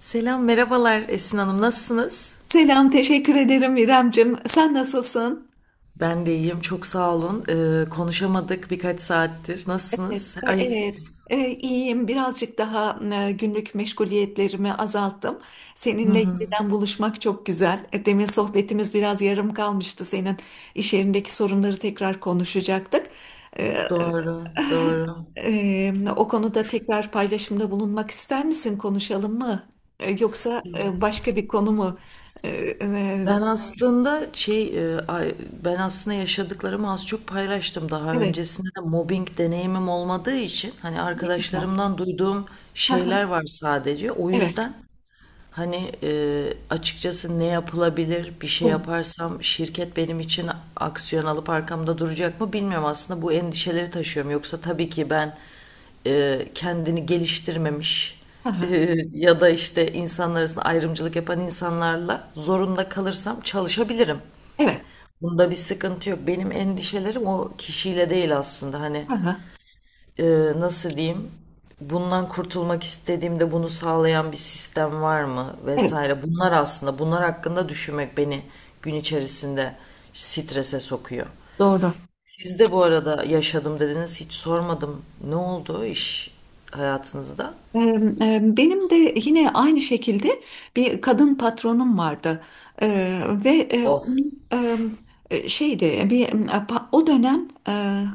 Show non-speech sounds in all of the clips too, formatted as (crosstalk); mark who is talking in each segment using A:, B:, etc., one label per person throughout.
A: Selam, merhabalar Esin Hanım. Nasılsınız?
B: Selam, teşekkür ederim İremcim. Sen nasılsın?
A: Ben de iyiyim, çok sağ olun. Konuşamadık birkaç saattir.
B: Evet,
A: Nasılsınız? Ay,
B: evet. İyiyim. Birazcık daha günlük meşguliyetlerimi azalttım. Seninle yeniden buluşmak çok güzel. Demin sohbetimiz biraz yarım kalmıştı. Senin iş yerindeki sorunları tekrar konuşacaktık. E,
A: doğru, doğru.
B: O konuda tekrar paylaşımda bulunmak ister misin? Konuşalım mı? Yoksa başka bir konu mu? E, e,
A: Ben aslında şey, ben aslında yaşadıklarımı az çok paylaştım daha
B: evet.
A: öncesinde de mobbing deneyimim olmadığı için hani
B: Ne güzel.
A: arkadaşlarımdan duyduğum şeyler
B: (laughs)
A: var sadece. O
B: Evet. Evet. Evet.
A: yüzden hani açıkçası ne yapılabilir? Bir şey yaparsam şirket benim için aksiyon alıp arkamda duracak mı bilmiyorum. Aslında bu endişeleri taşıyorum. Yoksa tabii ki ben kendini geliştirmemiş
B: Hı hı.
A: ya da işte insanlar arasında ayrımcılık yapan insanlarla zorunda kalırsam çalışabilirim.
B: Evet.
A: Bunda bir sıkıntı yok. Benim endişelerim o kişiyle değil aslında. Hani
B: Hı hı.
A: e, nasıl diyeyim, bundan kurtulmak istediğimde bunu sağlayan bir sistem var mı
B: Evet,
A: vesaire, bunlar aslında bunlar hakkında düşünmek beni gün içerisinde strese sokuyor.
B: doğru.
A: Siz de bu arada yaşadım dediniz, hiç sormadım, ne oldu iş hayatınızda?
B: Benim de yine aynı şekilde bir kadın patronum vardı. Ve
A: Of.
B: onun, şeydi bir o dönem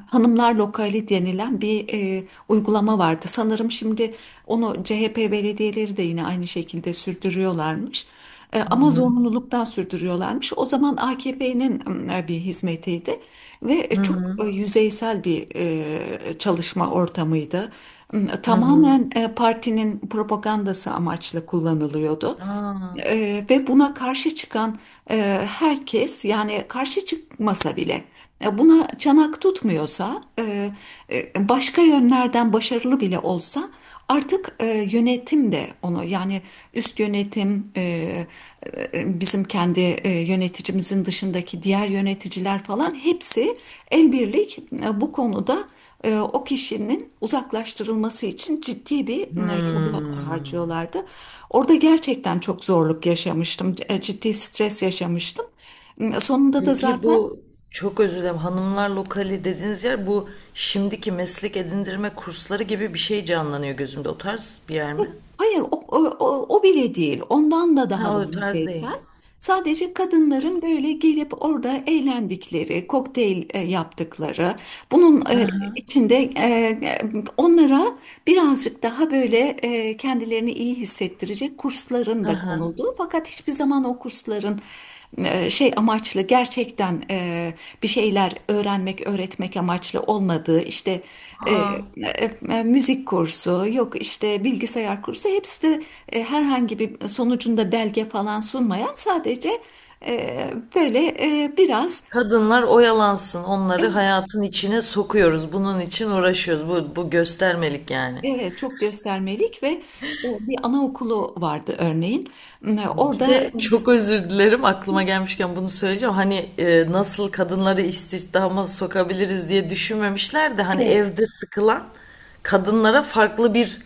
B: hanımlar lokali denilen bir uygulama vardı. Sanırım şimdi onu CHP belediyeleri de yine aynı şekilde sürdürüyorlarmış.
A: Hı
B: Ama
A: hı.
B: zorunluluktan sürdürüyorlarmış. O zaman AKP'nin bir hizmetiydi ve
A: Hı
B: çok
A: hı.
B: yüzeysel bir çalışma ortamıydı.
A: Hı hı.
B: Tamamen partinin propagandası amaçlı kullanılıyordu.
A: Aa.
B: Ve buna karşı çıkan herkes, yani karşı çıkmasa bile buna çanak tutmuyorsa, başka yönlerden başarılı bile olsa artık yönetim de onu, yani üst yönetim, bizim kendi yöneticimizin dışındaki diğer yöneticiler falan hepsi el birlik bu konuda o kişinin uzaklaştırılması için ciddi bir çaba
A: Hmm.
B: harcıyorlardı. Orada gerçekten çok zorluk yaşamıştım, ciddi stres yaşamıştım. Sonunda da
A: Peki
B: zaten.
A: bu, çok özür dilerim, hanımlar lokali dediğiniz yer bu şimdiki meslek edindirme kursları gibi bir şey canlanıyor gözümde. O tarz bir yer mi?
B: Hayır, o bile değil. Ondan da
A: Ha,
B: daha da
A: o tarz değil.
B: yüzeysel. Sadece kadınların böyle gelip orada eğlendikleri, kokteyl yaptıkları, bunun içinde, onlara birazcık daha böyle kendilerini iyi hissettirecek kursların
A: Hı
B: da
A: hı.
B: konulduğu. Fakat hiçbir zaman o kursların şey amaçlı, gerçekten bir şeyler öğrenmek, öğretmek amaçlı olmadığı, işte e,
A: Aa,
B: e, müzik kursu, yok işte bilgisayar kursu, hepsi de herhangi bir sonucunda belge falan sunmayan, sadece e, böyle biraz.
A: kadınlar oyalansın, onları hayatın içine sokuyoruz. Bunun için uğraşıyoruz. Bu, bu göstermelik yani.
B: Evet, çok göstermelik ve bir anaokulu vardı örneğin.
A: Bir
B: Orada.
A: de çok özür dilerim, aklıma gelmişken bunu söyleyeceğim. Hani nasıl kadınları istihdama sokabiliriz diye düşünmemişler de hani
B: Evet,
A: evde sıkılan kadınlara farklı bir,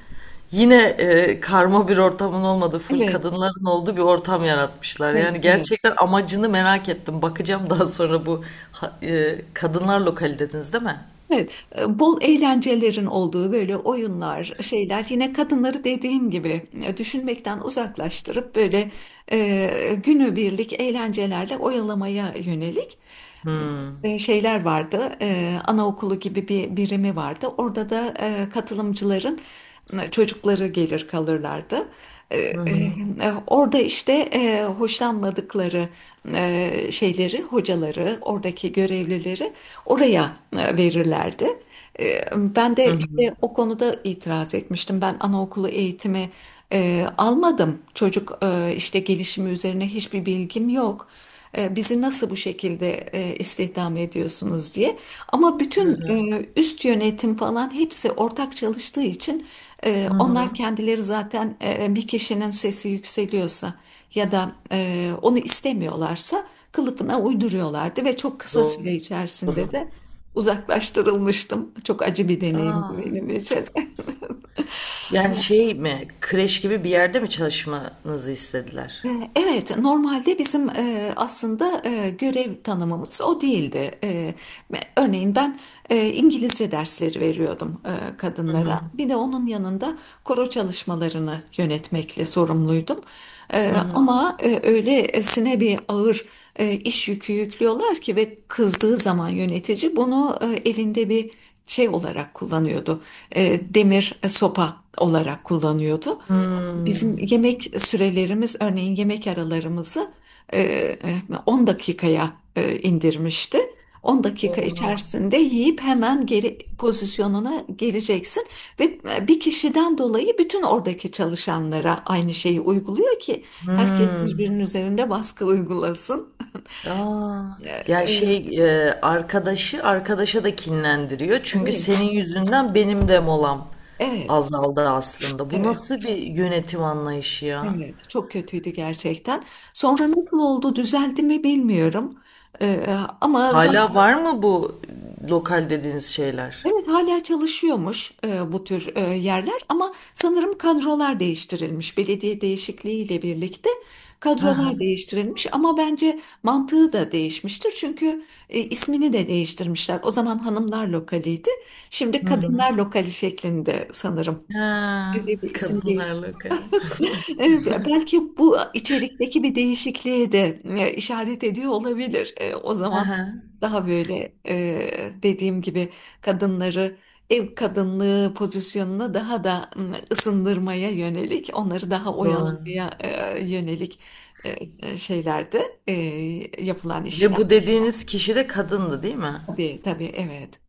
A: yine karma bir ortamın olmadığı full
B: evet,
A: kadınların olduğu bir ortam yaratmışlar.
B: evet,
A: Yani
B: evet.
A: gerçekten amacını merak ettim. Bakacağım daha sonra bu kadınlar lokali dediniz değil mi?
B: Evet, bol eğlencelerin olduğu böyle oyunlar, şeyler, yine kadınları, dediğim gibi, düşünmekten uzaklaştırıp böyle günübirlik eğlencelerle oyalamaya yönelik
A: Hmm.
B: şeyler vardı. Anaokulu gibi bir birimi vardı. Orada da katılımcıların çocukları gelir kalırlardı. E, e, Orada işte hoşlanmadıkları şeyleri, hocaları, oradaki görevlileri oraya verirlerdi. Ee, Ben
A: Hı
B: de
A: hı.
B: işte o konuda itiraz etmiştim. Ben anaokulu eğitimi almadım. Çocuk işte gelişimi üzerine hiçbir bilgim yok. Bizi nasıl bu şekilde istihdam ediyorsunuz diye. Ama bütün üst yönetim falan hepsi ortak çalıştığı için onlar kendileri zaten, bir kişinin sesi yükseliyorsa ya da onu istemiyorlarsa, kılıfına uyduruyorlardı ve çok kısa
A: Doğru.
B: süre içerisinde de uzaklaştırılmıştım. Çok acı bir deneyimdi
A: Aa.
B: benim için.
A: Yani
B: (laughs)
A: şey mi, kreş gibi bir yerde mi çalışmanızı istediler?
B: E, Evet, normalde bizim aslında görev tanımımız o değildi. Örneğin ben İngilizce dersleri veriyordum kadınlara. Bir de onun yanında koro çalışmalarını yönetmekle sorumluydum. Ama öylesine bir ağır iş yükü yüklüyorlar ki, ve kızdığı zaman yönetici bunu elinde bir şey olarak kullanıyordu. Demir sopa olarak kullanıyordu. Bizim
A: Hmm.
B: yemek sürelerimiz, örneğin yemek aralarımızı, e, e, 10 dakikaya indirmişti. 10 dakika
A: Oha.
B: içerisinde yiyip hemen geri pozisyonuna geleceksin, ve bir kişiden dolayı bütün oradaki çalışanlara aynı şeyi uyguluyor ki herkes
A: Hmm.
B: birbirinin üzerinde baskı uygulasın.
A: Aa,
B: E,
A: yani
B: e,
A: şey, arkadaşı arkadaşa da kinlendiriyor. Çünkü
B: Değil.
A: senin yüzünden benim de molam
B: Evet,
A: azaldı aslında. Bu
B: evet,
A: nasıl bir yönetim anlayışı ya?
B: evet. Çok kötüydü gerçekten. Sonra nasıl oldu, düzeldi mi bilmiyorum. E, ama.
A: Hala var mı bu lokal dediğiniz şeyler?
B: Evet, hala çalışıyormuş bu tür yerler, ama sanırım kadrolar değiştirilmiş. Belediye değişikliğiyle birlikte
A: Hı hı.
B: kadrolar değiştirilmiş, ama bence mantığı da değişmiştir. Çünkü ismini de değiştirmişler. O zaman hanımlar lokaliydi. Şimdi
A: Hı hı.
B: kadınlar lokali şeklinde sanırım.
A: Ha,
B: Böyle bir isim
A: kadınlar
B: değişti.
A: lokali.
B: Belki bu, içerikteki bir değişikliğe de işaret ediyor olabilir. O
A: Hı
B: zaman
A: hı.
B: daha böyle, dediğim gibi, kadınları ev kadınlığı pozisyonuna daha da ısındırmaya yönelik, onları daha
A: Doğru.
B: oyalamaya yönelik e, şeylerde yapılan
A: Ve bu
B: işler.
A: dediğiniz kişi de kadındı değil mi?
B: Tabii tabii, evet.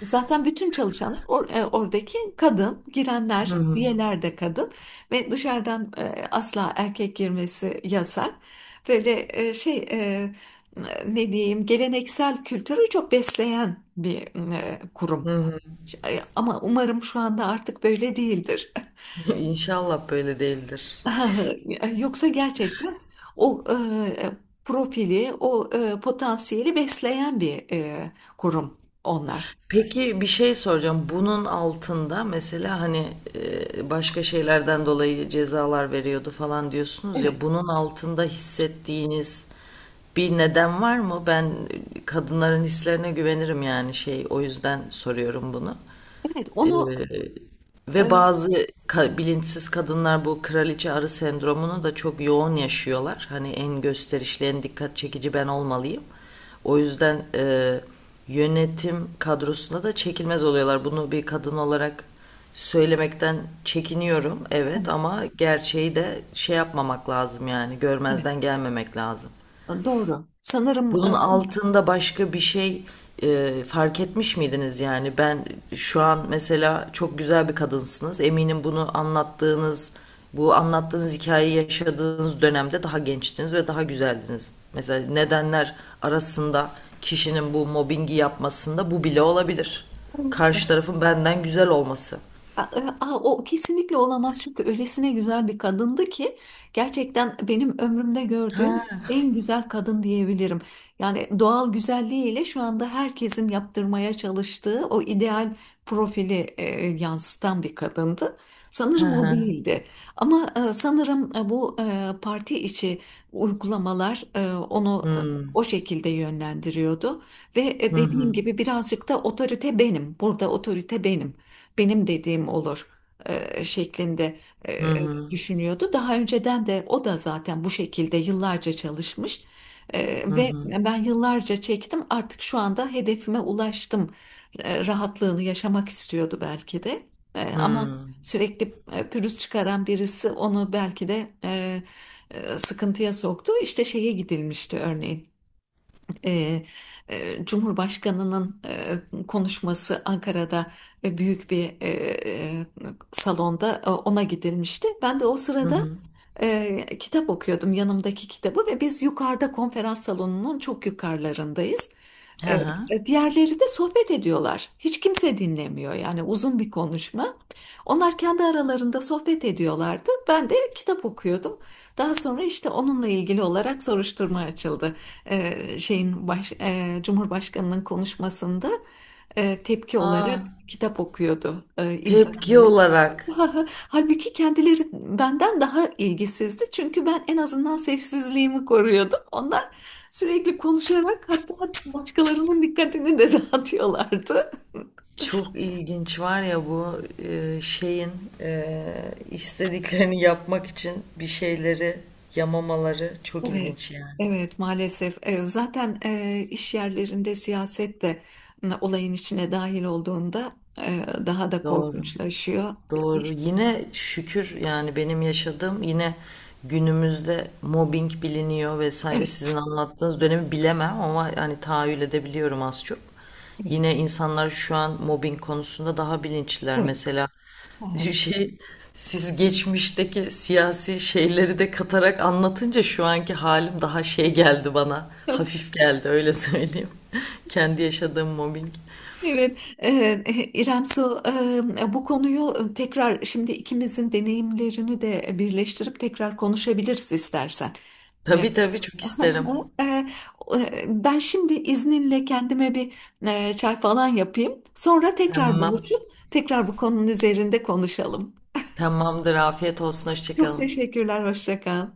B: Zaten bütün çalışanlar, oradaki kadın, girenler,
A: Hı hı.
B: üyeler de kadın, ve dışarıdan asla erkek girmesi yasak. Böyle şey, ne diyeyim, geleneksel kültürü çok besleyen bir
A: Hı
B: kurum.
A: hı.
B: Ama umarım şu anda artık böyle değildir.
A: (laughs) Ya İnşallah böyle değildir.
B: (laughs) Yoksa gerçekten o profili, o potansiyeli besleyen bir kurum onlar.
A: Peki bir şey soracağım. Bunun altında mesela hani başka şeylerden dolayı cezalar veriyordu falan diyorsunuz ya,
B: Evet,
A: bunun altında hissettiğiniz bir neden var mı? Ben kadınların hislerine güvenirim, yani şey, o yüzden soruyorum bunu.
B: evet,
A: Ee,
B: onu e,
A: Ve bazı bilinçsiz kadınlar bu kraliçe arı sendromunu da çok yoğun yaşıyorlar. Hani en gösterişli, en dikkat çekici ben olmalıyım. O yüzden yönetim kadrosuna da çekilmez oluyorlar. Bunu bir kadın olarak söylemekten çekiniyorum, evet, ama gerçeği de şey yapmamak lazım, yani
B: evet,
A: görmezden gelmemek lazım.
B: doğru. Sanırım
A: Bunun altında başka bir şey fark etmiş miydiniz yani? Ben şu an mesela, çok güzel bir kadınsınız. Eminim bunu anlattığınız, bu anlattığınız hikayeyi yaşadığınız dönemde daha gençtiniz ve daha güzeldiniz. Mesela nedenler arasında kişinin bu mobbingi yapmasında bu bile olabilir. Karşı tarafın benden güzel olması.
B: Aa, o kesinlikle olamaz, çünkü öylesine güzel bir kadındı ki gerçekten benim ömrümde gördüğüm en güzel kadın diyebilirim. Yani doğal güzelliğiyle şu anda herkesin yaptırmaya çalıştığı o ideal profili yansıtan bir kadındı.
A: Hı
B: Sanırım o
A: hı.
B: değildi. Ama sanırım bu parti içi uygulamalar onu o şekilde yönlendiriyordu. Ve dediğim gibi, birazcık da otorite benim. Burada otorite benim, benim dediğim olur şeklinde e, düşünüyordu. Daha önceden de o da zaten bu şekilde yıllarca çalışmış. Ve ben yıllarca çektim, artık şu anda hedefime ulaştım. Rahatlığını yaşamak istiyordu belki de. Ama
A: Hmm.
B: sürekli pürüz çıkaran birisi onu belki de sıkıntıya soktu. İşte şeye gidilmişti örneğin. E, Cumhurbaşkanının konuşması, Ankara'da büyük bir e, salonda ona gidilmişti. Ben de o sırada kitap okuyordum, yanımdaki kitabı, ve biz yukarıda, konferans salonunun çok yukarılarındayız.
A: Hı
B: E,
A: hı.
B: Diğerleri de sohbet ediyorlar. Hiç kimse dinlemiyor, yani uzun bir konuşma. Onlar kendi aralarında sohbet ediyorlardı. Ben de kitap okuyordum. Daha sonra işte onunla ilgili olarak soruşturma açıldı. Cumhurbaşkanının konuşmasında tepki
A: Aa,
B: olarak kitap okuyordu
A: tepki
B: ilgilenenler. (laughs)
A: olarak.
B: Halbuki kendileri benden daha ilgisizdi. Çünkü ben en azından sessizliğimi koruyordum. Onlar sürekli konuşarak, hatta başkalarının dikkatini de (laughs) dağıtıyorlardı.
A: Çok ilginç var ya bu şeyin e, istediklerini yapmak için bir şeyleri yamamaları çok
B: Evet,
A: ilginç yani.
B: evet, maalesef. Zaten iş yerlerinde siyaset de olayın içine dahil olduğunda daha da
A: Doğru.
B: korkunçlaşıyor.
A: Doğru.
B: İş-
A: Yine şükür yani, benim yaşadığım, yine günümüzde mobbing biliniyor vesaire.
B: Evet,
A: Sizin anlattığınız dönemi bilemem ama yani tahayyül edebiliyorum az çok.
B: evet,
A: Yine insanlar şu an mobbing konusunda daha bilinçliler.
B: evet.
A: Mesela (laughs)
B: Aha.
A: şey, siz geçmişteki siyasi şeyleri de katarak anlatınca şu anki halim daha şey geldi bana. Hafif geldi, öyle söyleyeyim. (laughs) Kendi yaşadığım mobbing.
B: Evet, İrem Su, bu konuyu tekrar, şimdi ikimizin deneyimlerini de birleştirip, tekrar konuşabiliriz istersen. Eee,
A: Tabii tabii, çok isterim.
B: eee, Ben şimdi izninle kendime bir çay falan yapayım. Sonra tekrar
A: Tamam.
B: buluşup tekrar bu konunun üzerinde konuşalım.
A: Tamamdır. Afiyet olsun.
B: Çok
A: Hoşçakalın.
B: teşekkürler, hoşça kal.